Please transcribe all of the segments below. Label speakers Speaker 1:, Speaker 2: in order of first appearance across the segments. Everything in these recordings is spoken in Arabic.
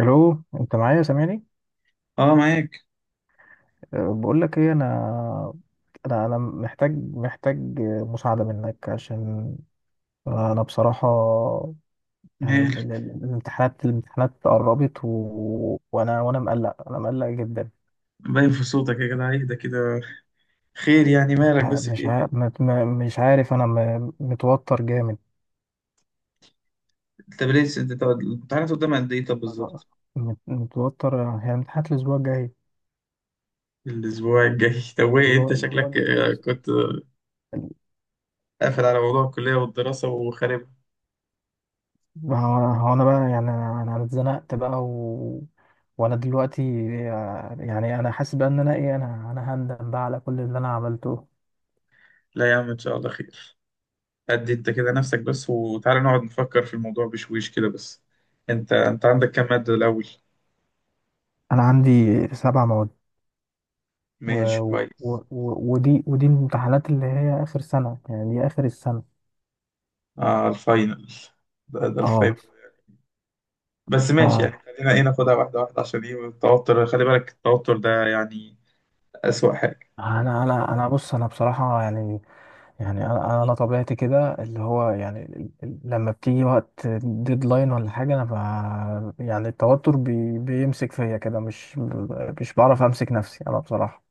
Speaker 1: الو، انت معايا؟ سامعني؟
Speaker 2: اه، معاك.
Speaker 1: أه، بقول لك ايه. انا محتاج مساعده منك، عشان انا بصراحه يعني
Speaker 2: مالك؟
Speaker 1: الامتحانات قربت. وانا مقلق جدا.
Speaker 2: باين في صوتك يا جدع، ايه ده كده؟ خير، يعني مالك، بس في ايه؟
Speaker 1: مش عارف، انا متوتر جامد.
Speaker 2: طب ليه، الامتحانات قدام قد ايه طب
Speaker 1: مت-
Speaker 2: بالظبط؟
Speaker 1: متوتر، هي امتحانات الاسبوع الجاي.
Speaker 2: الاسبوع الجاي. طب وايه؟ انت
Speaker 1: الأسبوع
Speaker 2: شكلك آه، كنت آه،
Speaker 1: الجاي.
Speaker 2: قافل على موضوع الكلية والدراسة وخارب.
Speaker 1: ما هو أنا بقى، يعني أنا اتزنقت بقى. وانا دلوقتي، يعني انا حاسس بقى ان انا ايه انا انا هندم بقى على كل اللي انا عملته.
Speaker 2: لا يا عم، ان شاء الله خير. قد انت كده نفسك بس، وتعالى نقعد نفكر في الموضوع بشويش كده بس. انت عندك كام مادة الاول؟
Speaker 1: انا عندي 7 مواد. و...
Speaker 2: ماشي كويس.
Speaker 1: ودي الامتحانات اللي هي اخر سنة، يعني دي اخر السنة.
Speaker 2: اه، الفاينل. ده الفاينل.
Speaker 1: اه.
Speaker 2: بس ماشي يعني،
Speaker 1: ف...
Speaker 2: خلينا ايه، ناخدها واحدة واحدة، عشان ايه التوتر، خلي بالك التوتر ده يعني أسوأ حاجة.
Speaker 1: انا بص، انا بصراحة، يعني انا طبيعتي كده اللي هو يعني لما بتيجي وقت ديدلاين ولا حاجه. يعني التوتر بيمسك فيا كده. مش بعرف امسك نفسي انا بصراحه.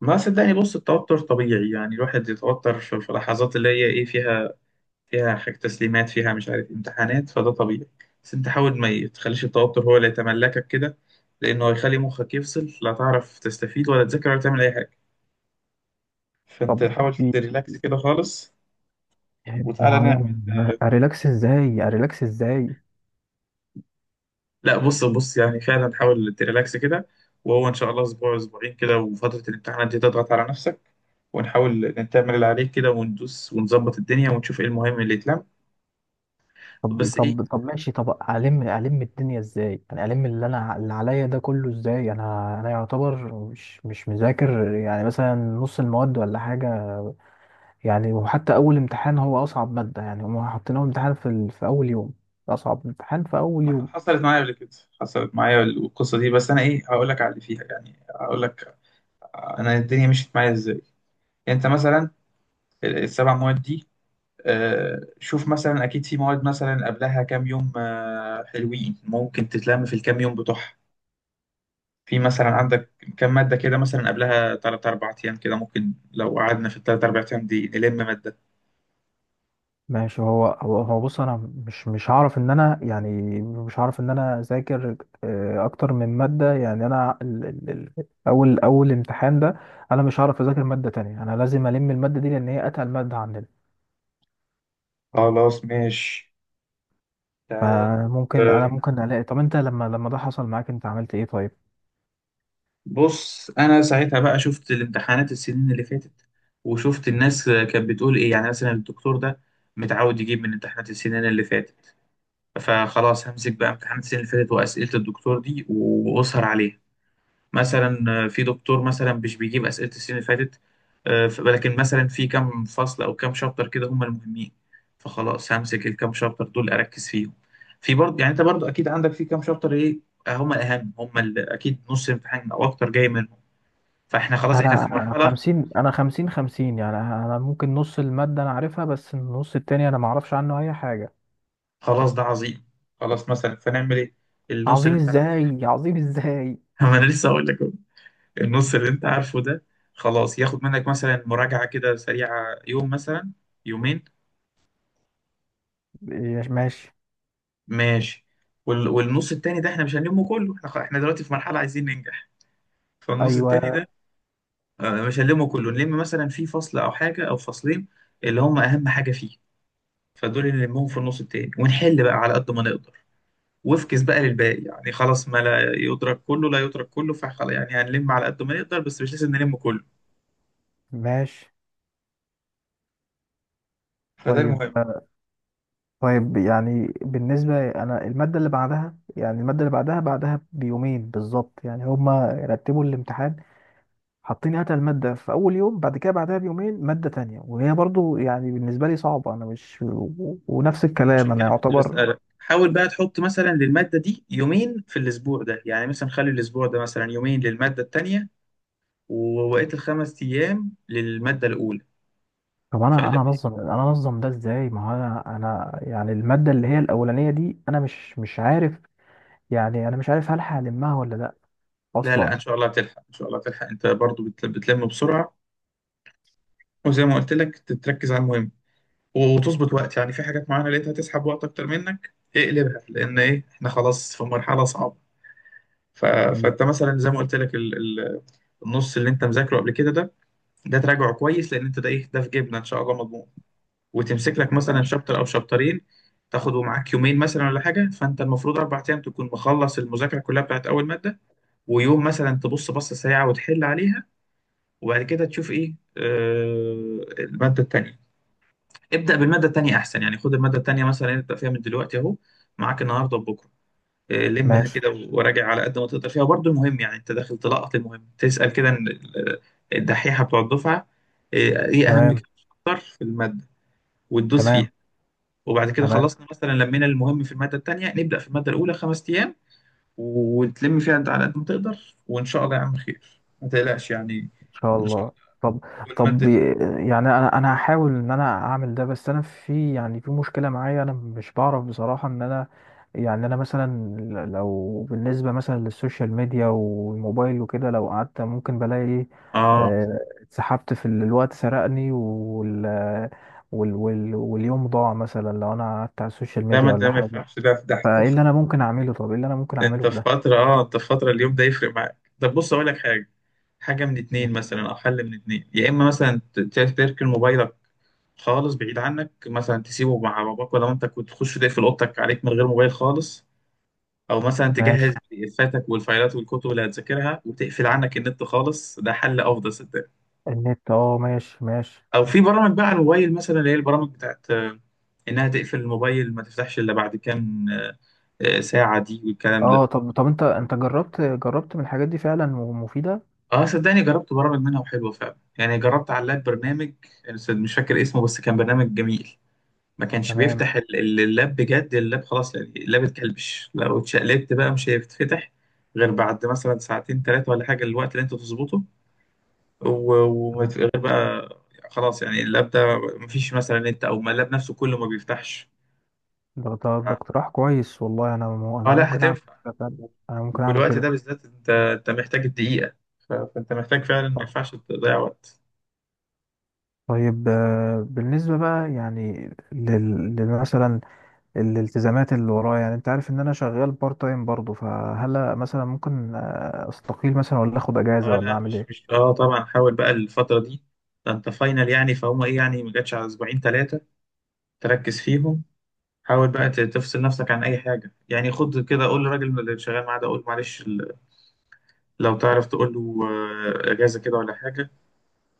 Speaker 2: ما صدقني، بص، التوتر طبيعي، يعني الواحد يتوتر في لحظات اللي هي إيه فيها حاجة تسليمات، فيها مش عارف امتحانات، فده طبيعي. بس أنت حاول ما تخليش التوتر هو اللي يتملكك كده، لأنه هيخلي مخك يفصل، لا تعرف تستفيد ولا تذاكر ولا تعمل أي حاجة. فأنت
Speaker 1: طب،
Speaker 2: حاول
Speaker 1: بي-
Speaker 2: تريلاكس كده خالص، وتعالى
Speaker 1: ما
Speaker 2: نعمل.
Speaker 1: انا اريلاكس ازاي؟ اريلاكس ازاي؟
Speaker 2: لا بص بص، يعني فعلا حاول تريلاكس كده. وهو إن شاء الله أسبوع أسبوعين كده، وفترة الامتحانات دي تضغط على نفسك، ونحاول نعمل اللي عليك كده، وندوس ونظبط الدنيا، ونشوف إيه المهم اللي يتلم،
Speaker 1: طب
Speaker 2: بس ايه.
Speaker 1: طب طب ماشي. طب، الم الدنيا ازاي؟ انا الم اللي انا اللي عليا ده كله ازاي؟ انا يعتبر مش مذاكر، يعني مثلا نص المواد ولا حاجه. يعني وحتى اول امتحان هو اصعب ماده، يعني هم حاطين اول امتحان في اول يوم. اصعب امتحان في اول يوم.
Speaker 2: حصلت معايا قبل كده، حصلت معايا القصه دي. بس انا ايه هقول لك على اللي فيها، يعني هقول لك انا الدنيا مشيت معايا ازاي. انت مثلا السبع مواد دي، شوف مثلا، اكيد في مواد مثلا قبلها كام يوم حلوين، ممكن تتلم في الكام يوم بتوعها. في مثلا عندك كام ماده كده مثلا قبلها 3 4 ايام، كده ممكن لو قعدنا في الثلاث اربع ايام دي نلم ماده.
Speaker 1: ماشي. هو بص، انا مش هعرف ان انا يعني، مش هعرف ان انا اذاكر اكتر من ماده. يعني انا ال... ال... ال... اول اول امتحان ده، انا مش هعرف اذاكر ماده تانية. انا لازم الم الماده دي، لان هي اتقل ماده عندنا.
Speaker 2: خلاص ماشي، تعال
Speaker 1: فممكن انا
Speaker 2: نشوف.
Speaker 1: ممكن الاقي. طب انت لما ده حصل معاك، انت عملت ايه، طيب؟
Speaker 2: بص انا ساعتها بقى شفت الامتحانات السنين اللي فاتت، وشفت الناس كانت بتقول ايه، يعني مثلا الدكتور ده متعود يجيب من امتحانات السنين اللي فاتت، فخلاص همسك بقى امتحانات السنين اللي فاتت واسئله الدكتور دي واسهر عليها. مثلا في دكتور مثلا مش بيجيب اسئله السنين اللي فاتت، لكن مثلا في كام فصل او كام شابتر كده هم المهمين، فخلاص همسك الكام شابتر دول اركز فيهم. في برضه، يعني انت برضه اكيد عندك في كام شابتر ايه هم الاهم، اكيد نص امتحان او اكتر جاي من. فاحنا خلاص احنا في
Speaker 1: انا
Speaker 2: مرحله.
Speaker 1: خمسين انا خمسين خمسين يعني انا ممكن نص المادة انا عارفها، بس النص التاني انا معرفش عنه اي حاجة.
Speaker 2: خلاص ده عظيم. خلاص مثلا فنعمل ايه؟ النص
Speaker 1: عظيم
Speaker 2: اللي انت عارفه ده،
Speaker 1: ازاي؟ عظيم ازاي؟
Speaker 2: ما انا لسه هقول لك أهو. النص اللي انت عارفه ده خلاص ياخد منك مثلا مراجعه كده سريعه، يوم مثلا، يومين.
Speaker 1: إيه، ماشي.
Speaker 2: ماشي. والنص التاني ده احنا مش هنلمه كله، احنا إحنا دلوقتي في مرحله عايزين ننجح. فالنص التاني
Speaker 1: ايوه،
Speaker 2: ده مش هنلمه كله، نلم مثلا في فصل او حاجه او فصلين اللي هم اهم حاجه فيه، فدول اللي نلمهم في النص التاني، ونحل بقى على قد ما نقدر، وافكس بقى للباقي. يعني خلاص، ما لا يدرك كله لا يترك كله، فخلاص يعني هنلم على قد ما نقدر، بس مش لازم نلم كله،
Speaker 1: ماشي.
Speaker 2: فده
Speaker 1: طيب،
Speaker 2: المهم.
Speaker 1: طيب، يعني بالنسبة، انا المادة اللي بعدها، يعني المادة اللي بعدها بعدها بيومين بالظبط. يعني هما رتبوا الامتحان، حاطين هاتها المادة في أول يوم، بعد كده بعدها بيومين مادة تانية، وهي برضو يعني بالنسبة لي صعبة. أنا مش و- ونفس الكلام،
Speaker 2: عشان
Speaker 1: أنا
Speaker 2: كده كنت
Speaker 1: يعتبر.
Speaker 2: بسألك، حاول بقى تحط مثلا للمادة دي يومين في الأسبوع ده، يعني مثلا خلي الأسبوع ده مثلا يومين للمادة التانية، ووقت الخمس أيام للمادة الأولى.
Speaker 1: طب انا
Speaker 2: فلا،
Speaker 1: انا انظم انا انظم ده ازاي؟ ما هو انا، يعني الماده اللي هي الاولانيه دي انا مش عارف. يعني انا مش عارف هل هلمها ولا لا،
Speaker 2: لا، لا، إن
Speaker 1: اصلا.
Speaker 2: شاء الله هتلحق، إن شاء الله هتلحق، أنت برضو بتلم بسرعة. وزي ما قلت لك، تركز على المهم وتظبط وقت، يعني في حاجات معينة لقيتها تسحب وقت أكتر منك اقلبها، لأن إيه، إحنا خلاص في مرحلة صعبة. ف...
Speaker 1: مم.
Speaker 2: فانت مثلا زي ما قلت لك النص اللي انت مذاكره قبل كده ده، ده تراجعه كويس، لان انت ده ايه، ده في جيبنا ان شاء الله مضمون. وتمسك لك مثلا
Speaker 1: ماشي،
Speaker 2: شابتر او شابترين تاخده معاك يومين مثلا ولا حاجه. فانت المفروض اربع ايام تكون مخلص المذاكره كلها بتاعت اول ماده، ويوم مثلا تبص بصه سريعه وتحل عليها. وبعد كده تشوف ايه، الماده التانيه. ابدا بالماده التانيه احسن، يعني خد الماده التانيه مثلا، ابدا فيها من دلوقتي اهو، معاك النهارده وبكره. لمها
Speaker 1: ماشي.
Speaker 2: كده وراجع على قد ما تقدر فيها برضو. المهم يعني انت داخل تلقط المهم، تسأل كده ان الدحيحة بتوع الدفعة ايه، إيه اهم
Speaker 1: تمام،
Speaker 2: كتر في المادة، وتدوس فيها.
Speaker 1: تمام،
Speaker 2: وبعد كده
Speaker 1: تمام.
Speaker 2: خلصنا مثلا، لمينا المهم في المادة التانية، نبدأ في المادة الأولى خمس أيام، وتلم فيها انت على قد ما تقدر، وإن شاء الله يا عم خير، ما تقلقش يعني.
Speaker 1: ان شاء
Speaker 2: إن شاء
Speaker 1: الله. طب،
Speaker 2: الله
Speaker 1: طب،
Speaker 2: المادة دي.
Speaker 1: يعني انا هحاول ان انا اعمل ده، بس انا في، يعني في مشكله معايا. انا مش بعرف بصراحه ان انا، يعني انا مثلا، لو بالنسبه مثلا للسوشيال ميديا والموبايل وكده، لو قعدت ممكن بلاقي ايه،
Speaker 2: آه
Speaker 1: اتسحبت في الوقت، سرقني، واليوم ضاع، مثلا لو انا قعدت على السوشيال
Speaker 2: لا،
Speaker 1: ميديا
Speaker 2: ما
Speaker 1: ولا
Speaker 2: ده ما
Speaker 1: حاجه.
Speaker 2: ينفعش ده. في ده
Speaker 1: فايه اللي انا ممكن اعمله؟ طب، ايه اللي انا ممكن اعمله
Speaker 2: انت
Speaker 1: في
Speaker 2: في
Speaker 1: ده؟
Speaker 2: فترة، انت في فترة، اليوم ده يفرق معاك. طب بص اقول لك حاجة، حاجة من اتنين مثلا، او حل من اتنين، يا اما مثلا تركن موبايلك خالص بعيد عنك، مثلا تسيبه مع باباك، ولا انت كنت تخش تقفل اوضتك عليك من غير موبايل خالص، او مثلا تجهز
Speaker 1: ماشي.
Speaker 2: بي دي افاتك والفايلات والكتب اللي هتذاكرها، وتقفل عنك النت خالص، ده حل افضل صدقني.
Speaker 1: النت، اه، ماشي، ماشي.
Speaker 2: او في برامج بقى على الموبايل مثلا، اللي هي البرامج بتاعت انها تقفل الموبايل ما تفتحش الا بعد كام ساعة، دي والكلام ده.
Speaker 1: اه، طب، انت جربت من الحاجات دي فعلا ومفيده؟
Speaker 2: اه صدقني، جربت برامج منها وحلوه فعلا، يعني جربت على اللاب برنامج، يعني مش فاكر اسمه، بس كان برنامج جميل. ما كانش
Speaker 1: تمام،
Speaker 2: بيفتح اللاب، بجد اللاب خلاص، يعني اللاب اتكلبش، لو اتشقلبت بقى مش هيتفتح غير بعد مثلا ساعتين ثلاثه ولا حاجه، الوقت اللي انت تظبطه،
Speaker 1: تمام.
Speaker 2: غير بقى. خلاص يعني اللاب ده مفيش مثلا نت، او ما اللاب نفسه كله ما بيفتحش.
Speaker 1: ده اقتراح كويس، والله. انا
Speaker 2: اه لا،
Speaker 1: ممكن اعمل
Speaker 2: هتنفع.
Speaker 1: كده فعلا. انا ممكن اعمل
Speaker 2: والوقت
Speaker 1: كده.
Speaker 2: ده بالذات، انت محتاج الدقيقه، فانت محتاج فعلا، ما
Speaker 1: صح.
Speaker 2: ينفعش تضيع وقت.
Speaker 1: طيب، بالنسبه بقى يعني مثلا الالتزامات اللي ورايا، يعني انت عارف ان انا شغال بارت تايم برضه، فهل مثلا ممكن استقيل مثلا، ولا اخد اجازه،
Speaker 2: اه
Speaker 1: ولا
Speaker 2: لا،
Speaker 1: اعمل
Speaker 2: مش
Speaker 1: ايه؟
Speaker 2: طبعا، حاول بقى الفترة دي، ده انت فاينل يعني، فهم ايه يعني، ما جاتش على اسبوعين ثلاثة، تركز فيهم. حاول بقى تفصل نفسك عن اي حاجة، يعني خد كده قول للراجل اللي شغال معاه ده، قول معلش لو تعرف تقول له اجازة كده ولا حاجة،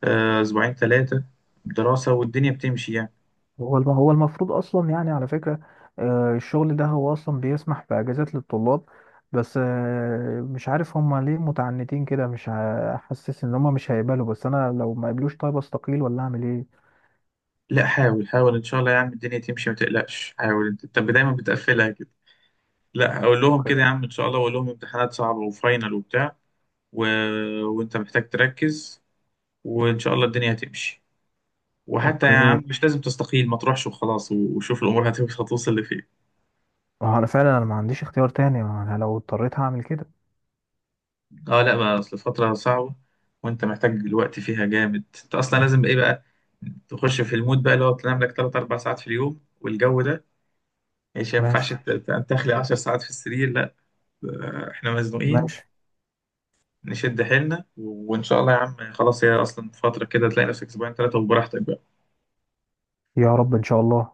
Speaker 2: اسبوعين ثلاثة دراسة، والدنيا بتمشي يعني.
Speaker 1: هو المفروض اصلا يعني، على فكره، الشغل ده هو اصلا بيسمح باجازات للطلاب، بس مش عارف هما ليه متعنتين كده. مش ه- حاسس ان هما مش هيقبلوا، بس انا لو ما قبلوش، طيب استقيل ولا اعمل ايه؟
Speaker 2: لا حاول حاول، ان شاء الله يا عم الدنيا تمشي، ما تقلقش. حاول انت، انت دايما بتقفلها كده. لا، اقول لهم كده يا
Speaker 1: اوكي،
Speaker 2: عم ان شاء الله، واقول لهم امتحانات صعبة وفاينل وبتاع، و... وانت محتاج تركز، وان شاء الله الدنيا هتمشي. وحتى يا
Speaker 1: اوكي.
Speaker 2: عم، مش لازم تستقيل، ما تروحش وخلاص، وشوف الامور هتمشي هتوصل لفين.
Speaker 1: ما هو انا فعلا، انا ما عنديش اختيار تاني. ما انا لو اضطريت هعمل كده.
Speaker 2: اه لا بقى، اصل فتره صعبه، وانت محتاج الوقت فيها جامد. انت اصلا لازم ايه بقى، تخش في المود بقى اللي هو تنام لك 3 4 ساعات في اليوم، والجو ده مش ينفعش
Speaker 1: ماشي،
Speaker 2: تخلي 10 ساعات في السرير لا. احنا مزنوقين،
Speaker 1: ماشي.
Speaker 2: نشد حيلنا، وان شاء الله يا عم خلاص، هي اصلا فتره كده، تلاقي نفسك اسبوعين ثلاثه وبراحتك بقى.
Speaker 1: يا رب، ان شاء الله.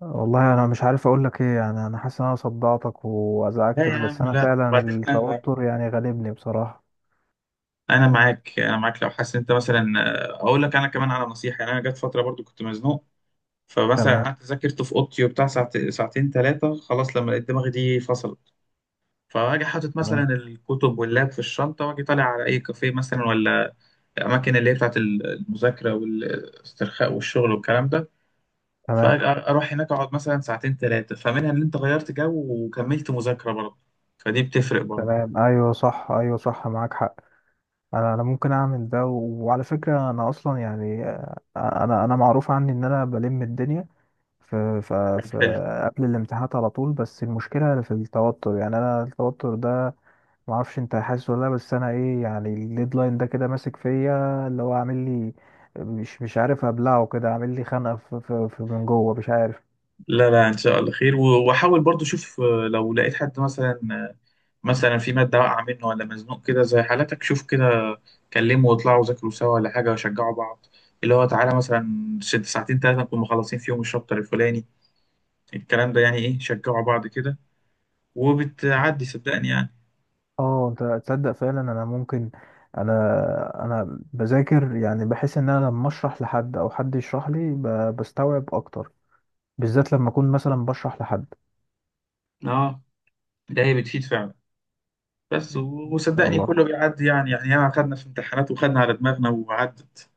Speaker 1: والله، انا مش عارف اقول لك ايه. يعني انا حاسس ان انا صدعتك
Speaker 2: لا
Speaker 1: وازعجتك،
Speaker 2: يا
Speaker 1: بس
Speaker 2: عم
Speaker 1: انا
Speaker 2: لا،
Speaker 1: فعلا
Speaker 2: وبعدين
Speaker 1: التوتر يعني غالبني بصراحه.
Speaker 2: انا معاك، انا معاك، لو حاسس إن انت مثلا، اقول لك انا كمان على نصيحه. يعني انا جت فتره برضو كنت مزنوق، فمثلا
Speaker 1: تمام،
Speaker 2: قعدت ذاكرت في اوضتي وبتاع ساعتين ثلاثه، خلاص لما لقيت دماغي دي فصلت، فاجي حاطط مثلا
Speaker 1: تمام،
Speaker 2: الكتب واللاب في الشنطه، واجي طالع على اي كافيه مثلا، ولا اماكن اللي هي بتاعت المذاكره والاسترخاء والشغل والكلام ده.
Speaker 1: تمام،
Speaker 2: فاروح هناك اقعد مثلا ساعتين ثلاثه، فمنها ان انت غيرت جو وكملت مذاكره برضه، فدي بتفرق
Speaker 1: تمام. ايوه، صح. ايوه، صح، معاك حق. انا ممكن اعمل ده، وعلى فكره، انا اصلا يعني، انا معروف عني ان انا بلم الدنيا في
Speaker 2: برضه.
Speaker 1: قبل الامتحانات على طول. بس المشكله في التوتر. يعني انا التوتر ده، ما اعرفش انت حاسس ولا لا، بس انا، ايه، يعني الديدلاين ده كده ماسك فيا، اللي هو عامل لي مش عارف ابلعه كده، عامل لي خنقه في من جوه مش عارف.
Speaker 2: لا لا، ان شاء الله خير، واحاول برضو. شوف لو لقيت حد مثلا، مثلا في ماده واقعه منه ولا مزنوق كده زي حالتك، شوف كده كلمه، واطلعوا ذاكروا سوا ولا حاجه، وشجعوا بعض. اللي هو تعالى مثلا ساعتين ثلاثه نكون مخلصين فيهم الشابتر الفلاني، الكلام ده يعني، ايه، شجعوا بعض كده، وبتعدي صدقني يعني.
Speaker 1: اه، انت تصدق، فعلا انا ممكن. انا انا بذاكر، يعني بحس ان انا لما اشرح لحد او حد يشرح لي بستوعب اكتر، بالذات لما اكون مثلا بشرح لحد.
Speaker 2: اه، ده هي بتفيد فعلا. بس
Speaker 1: ان شاء
Speaker 2: وصدقني
Speaker 1: الله.
Speaker 2: كله بيعدي، يعني يعني ياما خدنا في امتحانات وخدنا على دماغنا وعدت.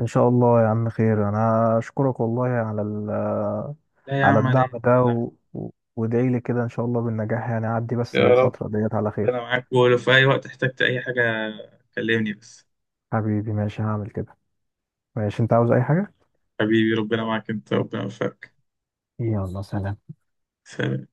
Speaker 1: ان شاء الله يا عم، خير. انا اشكرك والله على
Speaker 2: لا يا
Speaker 1: على
Speaker 2: عم، على إيه؟
Speaker 1: الدعم ده،
Speaker 2: لا، لا.
Speaker 1: وادعي لي كده ان شاء الله بالنجاح، يعني اعدي بس
Speaker 2: يا رب.
Speaker 1: الفترة ديت على خير.
Speaker 2: انا معاك، ولو في اي وقت احتجت اي حاجه كلمني بس.
Speaker 1: حبيبي، ماشي، هعمل كده. ماشي، انت عاوز اي حاجة؟
Speaker 2: حبيبي ربنا معاك، انت ربنا يوفقك.
Speaker 1: يلا، سلام.
Speaker 2: سلام.